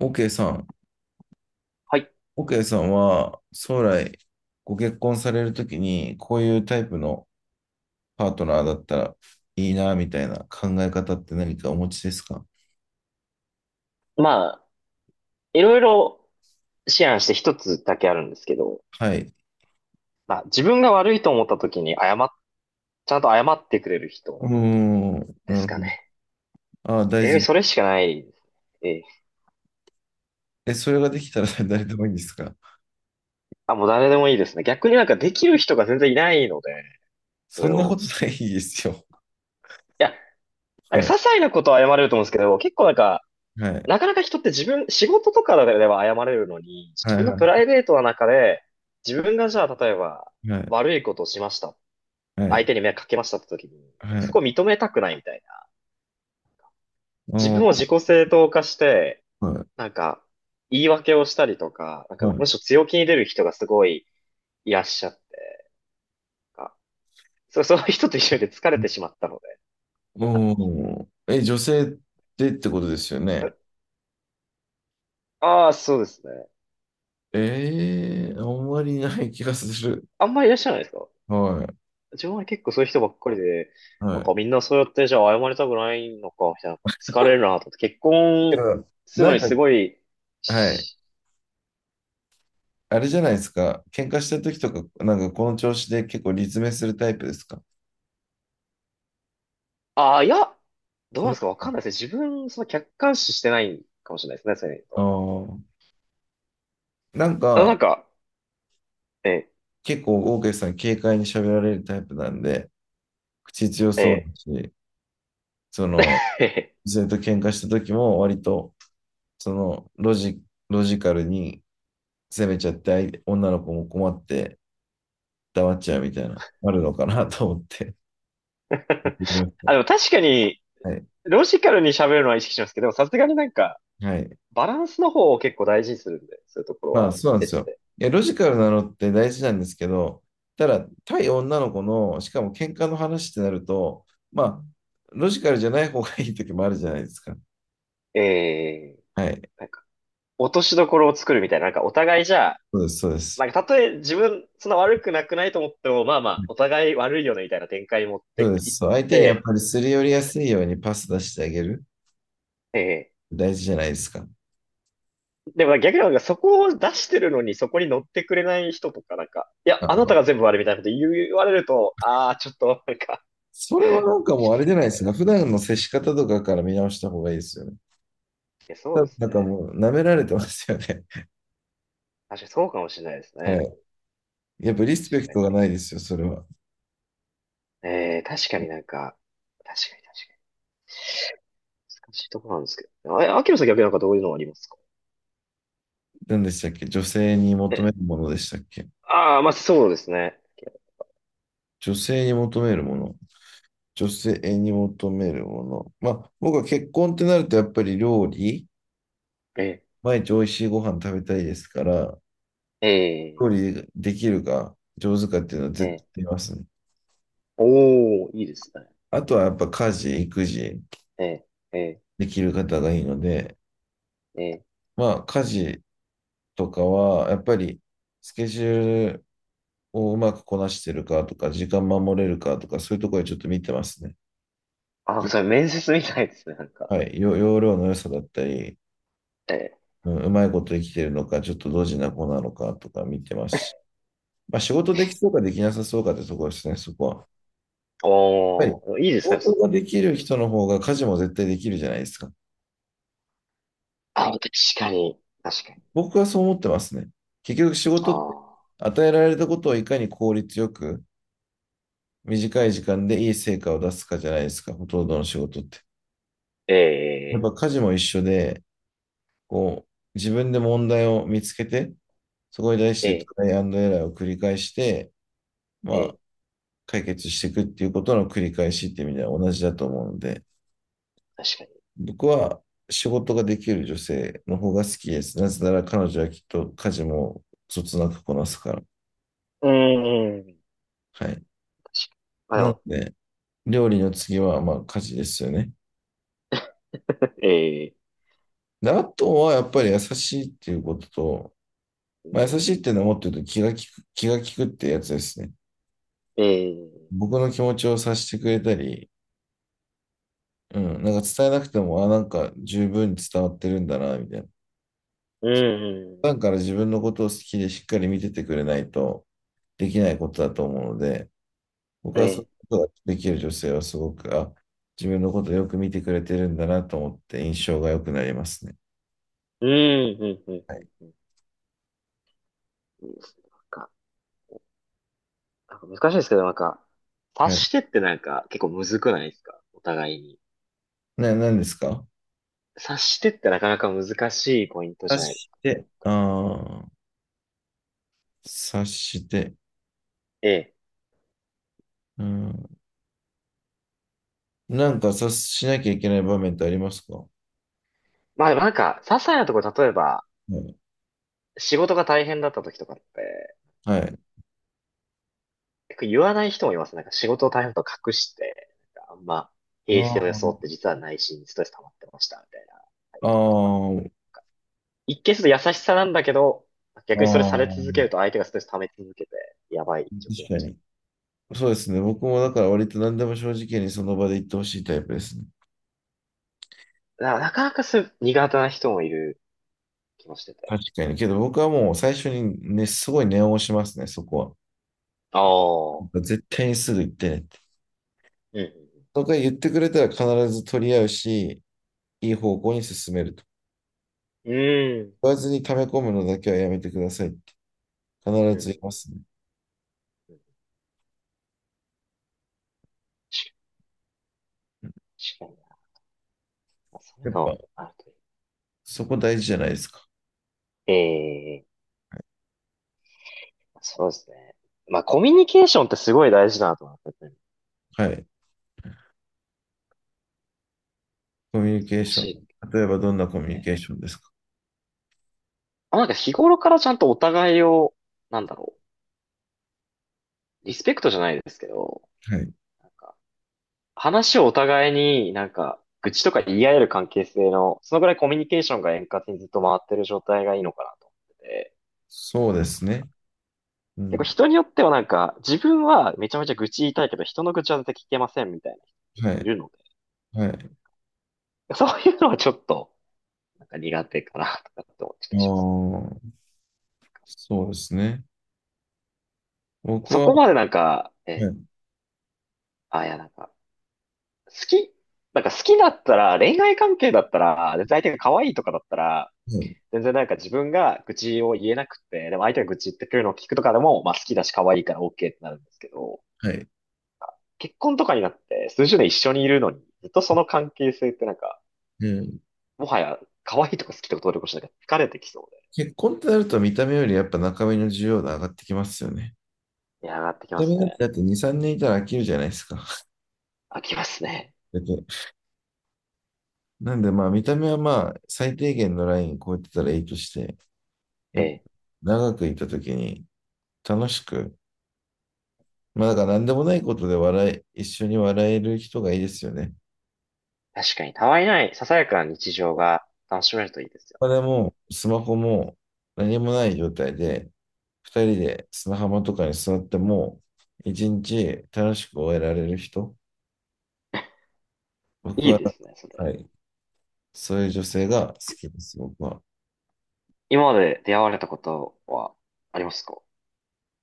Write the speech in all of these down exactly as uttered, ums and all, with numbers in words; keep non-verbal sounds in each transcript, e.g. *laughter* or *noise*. OK さん、はい。OK さんは将来ご結婚されるときにこういうタイプのパートナーだったらいいなみたいな考え方って何かお持ちですか？まあ、いろいろ思案して一つだけあるんですけど、はい。まあ、自分が悪いと思った時に謝っ、ちゃんと謝ってくれるう人ーん、でなするほかね。ど。ああ、大えー、事。それしかないですね。ええ、え、それができたら *laughs* 誰でもいいんですか？あ、もう誰でもいいですね。逆になんかできる人が全然いないので、そそれんなこを。とないですよ。いや、なんはかい、些細なことは謝れると思うんですけど、結構なんか、はい、なかなか人って自分、仕事とかでは謝れるのに、は自い、分のはプライい、ベートの中で、自分がじゃあ例えばはい、悪いことをしました。は相い、手に迷惑かけましたって時に、なんかはそい。こを認めたくないみたいな。お自分をー、自己正当化して、はい、なんか、言い訳をしたりとか、なんか、はい。むしろ強気に出る人がすごいいらっしゃって、なんかそう、*laughs* そういう人と一緒で疲れてしまったので、あの、おー、え、女性でってことですよね。ああ、そうですね。ええ、あんまりない気がする。あんまりいらっしゃらないですか？はい。自分は結構そういう人ばっかりで、はなんかい。みんなそうやってじゃあ謝りたくないのか、みたいな、なんか疲れるなと思って、結け婚ど、するなのんにすか、ごい、はい。しあれじゃないですか。喧嘩した時とか、なんかこの調子で結構理詰めするタイプですか？ああ、いや、どうそなんでの、すか？わかんないですね。自分、その客観視してないかもしれないですね、そういうのあと。ー、なんあの、なか、んか、え、結構、オーケーさん軽快に喋られるタイプなんで、口強そうだえ、し、その、ええ *laughs* ずっと喧嘩した時も割と、その、ロジ、ロジカルに攻めちゃって、相手女の子も困って、黙っちゃうみたいな、あるのかなと思って。聞いてみました。あ、でも確かに、はい。ロジカルに喋るのは意識しますけど、でもさすがになんか、はい。バランスの方を結構大事にするんで、そういうところまあ、はそうなんです別よ。で。いや、ロジカルなのって大事なんですけど、ただ、対女の子の、しかも喧嘩の話ってなると、まあ、ロジカルじゃない方がいい時もあるじゃないですか。えー、はい。なんか、落としどころを作るみたいな、なんかお互いじゃあ、そうです、そうです。なんかたとえ自分、そんな悪くなくないと思っても、まあまあ、お互い悪いよね、みたいな展開に持っそうてでいす。っそう、相手にやって、ぱりすり寄りやすいようにパス出してあげる。え大事じゃないですか。ー、でも逆になんかそこを出してるのにそこに乗ってくれない人とかなんか、いや、あ、あなたが全部悪いみたいなこと言われると、ああ、ちょっとなんか それは *laughs* なんかきもうあれつじゃいなないみでたいすな。か。い普段の接し方とかから見直した方がいいですよね。や、そう多で分すなんかね。もう舐められてますよね。確かにそうかもしれないです *laughs* はね。い。やっぱリスペ確クかトに。がないですよ、それは。えー、確かになんか、確かに確かに。難しいところなんですけどね。あ、秋野さん逆になんかどういうのありますか？何でしたっけ、女性に求めえ、るものでしたっけ？ああ、まあそうですね。女性に求めるもの。女性に求めるもの。まあ、僕は結婚ってなると、やっぱり料理、え、毎日美味しいご飯食べたいですから、料え理できるか、上手かっていうのはー、絶対え見ますね。ー、おー、いいですね。あとはやっぱ家事、育児えー、えできる方がいいので、ー、えー、まあ、家事とかは、やっぱりスケジュールをうまくこなしてるかとか、時間守れるかとか、そういうところでちょっと見てますね。あ、よそれ面接みたいですね、なんか。はい、よ容量の良さだったり、えうん、うまいことできてるのか、ちょっとドジな子なのかとか見てますし、まあ、仕事できそうかできなさそうかってところですね、そこは。やっー、ぱり、おー、いいで仕すね、そ事う。ができえー、る人の方が家事も絶対できるじゃないですか。あ、確かに、確かに。僕はそう思ってますね。結局仕あ事ってあ、与えられたことをいかに効率よく短い時間でいい成果を出すかじゃないですか、ほとんどの仕事って。やっえぱ家事も一緒で、こう、自分で問題を見つけて、そこに対しー、てトえライアンドエラーを繰り返して、ー、まえあ、解決していくっていうことの繰り返しっていう意味では同じだと思うので、ー、確かに。僕は仕事ができる女性の方が好きです。なぜなら彼女はきっと家事もそつなくこなすから。うーん、はい。確かに。あ、でなのも、で、料理の次はまあ家事ですよね。えで、あとはやっぱり優しいっていうことと、まあ、ー、優しいっていうのはもっと言うと気が利く、気が利くってやつですね。ええ、僕の気持ちを察してくれたり、うん、なんか伝えなくても、あ、なんか十分に伝わってるんだな、みたいな。うん、普う段から自分のことを好きでしっかり見ててくれないとできないことだと思うので、ん、僕えはそういえ、うことができる女性はすごく、あ、自分のことをよく見てくれてるんだなと思って印象が良くなりますね。うん、うん、うん、はうん。い。うん、いいですね。なんか、なんか難しいですけど、なんか、察はい。してってなんか結構むずくないですか？お互いに。な、何ですか？察してってなかなか難しいポイント察じゃないですしか？て、ああ、察して、ええ。うん。なんか察しなきゃいけない場面ってありますか？はまあでもなんか、些細なところ、例えば、い。仕事が大変だった時とかって、なはんか、い。結構言わない人もいます。なんか仕事を大変だと隠して、なんかあんま、平静を装っあて実は内心にストレス溜まってました、みたいな。あ、ああ、一見すると優しさなんだけど、あ逆にあ、それされ続けると相手がストレス溜め続けて、やばい状況に確なっかちゃに。う。そうですね。僕もだから割と何でも正直にその場で言ってほしいタイプですね。だからなかなかそういう苦手な人もいる気もしてて。確かに。けど僕はもう最初にね、すごい念を押しますね、そこは。ああ。絶対にすぐ行ってねって。うんとか言ってくれたら必ず取り合うし、いいうんう方ん向に進めると。うん。言わずに溜め込むのだけはやめてくださいって必うん。うんうずん言ういまんすね。うん、確かに確かにな。まあそういやうっぱのあるといそこ大事じゃないですか。い。ええ、そうですね。まあ、コミュニケーションってすごい大事だなと思ってはい。コミュニケー難ション。しいっ例えばどんなコミュニて。ケーションですか？あ、なんか日頃からちゃんとお互いを、なんだろう、リスペクトじゃないですけど、はい。なんか話をお互いになんか、愚痴とか言い合える関係性の、そのぐらいコミュニケーションが円滑にずっと回ってる状態がいいのかなと思ってて、そうですね。う結構ん。人によってはなんか、自分はめちゃめちゃ愚痴言いたいけど、人の愚痴は絶対聞けませんみたいな人結は構いい。るのはい。で、そういうのはちょっと、なんか苦手かなとかって思ってたありします。あ、そうですね。僕そは、はこまでなんか、え、い。あ、いやなんか、好き、なんか好きだったら、恋愛関係だったら、で相手が可愛いとかだったら、はい。全然なんか自分が愚痴を言えなくて、でも相手が愚痴言ってくるのを聞くとかでも、まあ好きだし可愛いから OK ってなるんですけど、はい。結婚とかになって数十年一緒にいるのに、ずっとその関係性ってなんか、うん、もはや可愛いとか好きとか努力しなきゃ疲れてきそうで。結婚ってなると見た目よりやっぱ中身の需要度上がってきますよね。いや、上がってきま見たす目なんてね。だってに、さんねんいたら飽きるじゃないですか。飽きますね。だって、なんでまあ見た目はまあ最低限のライン超えてたらいいとして、やえっぱえ。長くいた時に楽しく、まあだから何でもないことで笑い、一緒に笑える人がいいですよね。確かに、たわいない、ささやかな日常が楽しめるといいですよまあでね。もスマホも何もない状態で、二人で砂浜とかに座っても、一日楽しく終えられる人。僕いいは、ですね、そはれ。い、そういう女性が好きです、僕は。今まで出会われたことはありますか？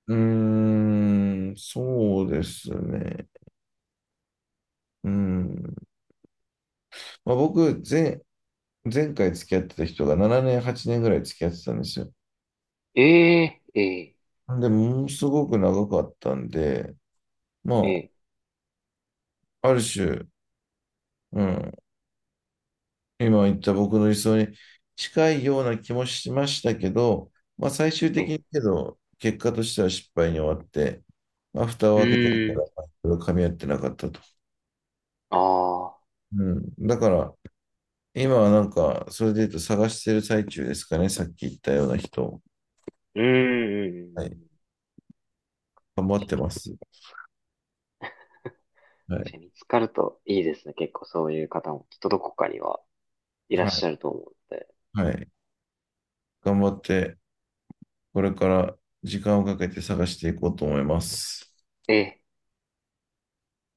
うーん、そうですね。うん。まあ、僕、前、前回付き合ってた人がななねん、はちねんぐらい付き合ってたんですよ。ええ、ええ、で、ものすごく長かったんで、えまえ、あ、ある種、うん、今言った僕の理想に近いような気もしましたけど、まあ、最終え的え。にけど、結果としては失敗に終わって、まあ、蓋うを開けてみたーら、ん、まあいろいろ噛み合ってなかったと。ああ。うん。だから、今はなんか、それで言うと探してる最中ですかね。さっき言ったような人。うーんうんうんはうん。い。頑張ってます。は確い。かに見つかるといいですね。結構そういう方もきっとどこかにはいらはっしい。ゃると思うので。はい。頑張って、これから時間をかけて探していこうと思います。ええ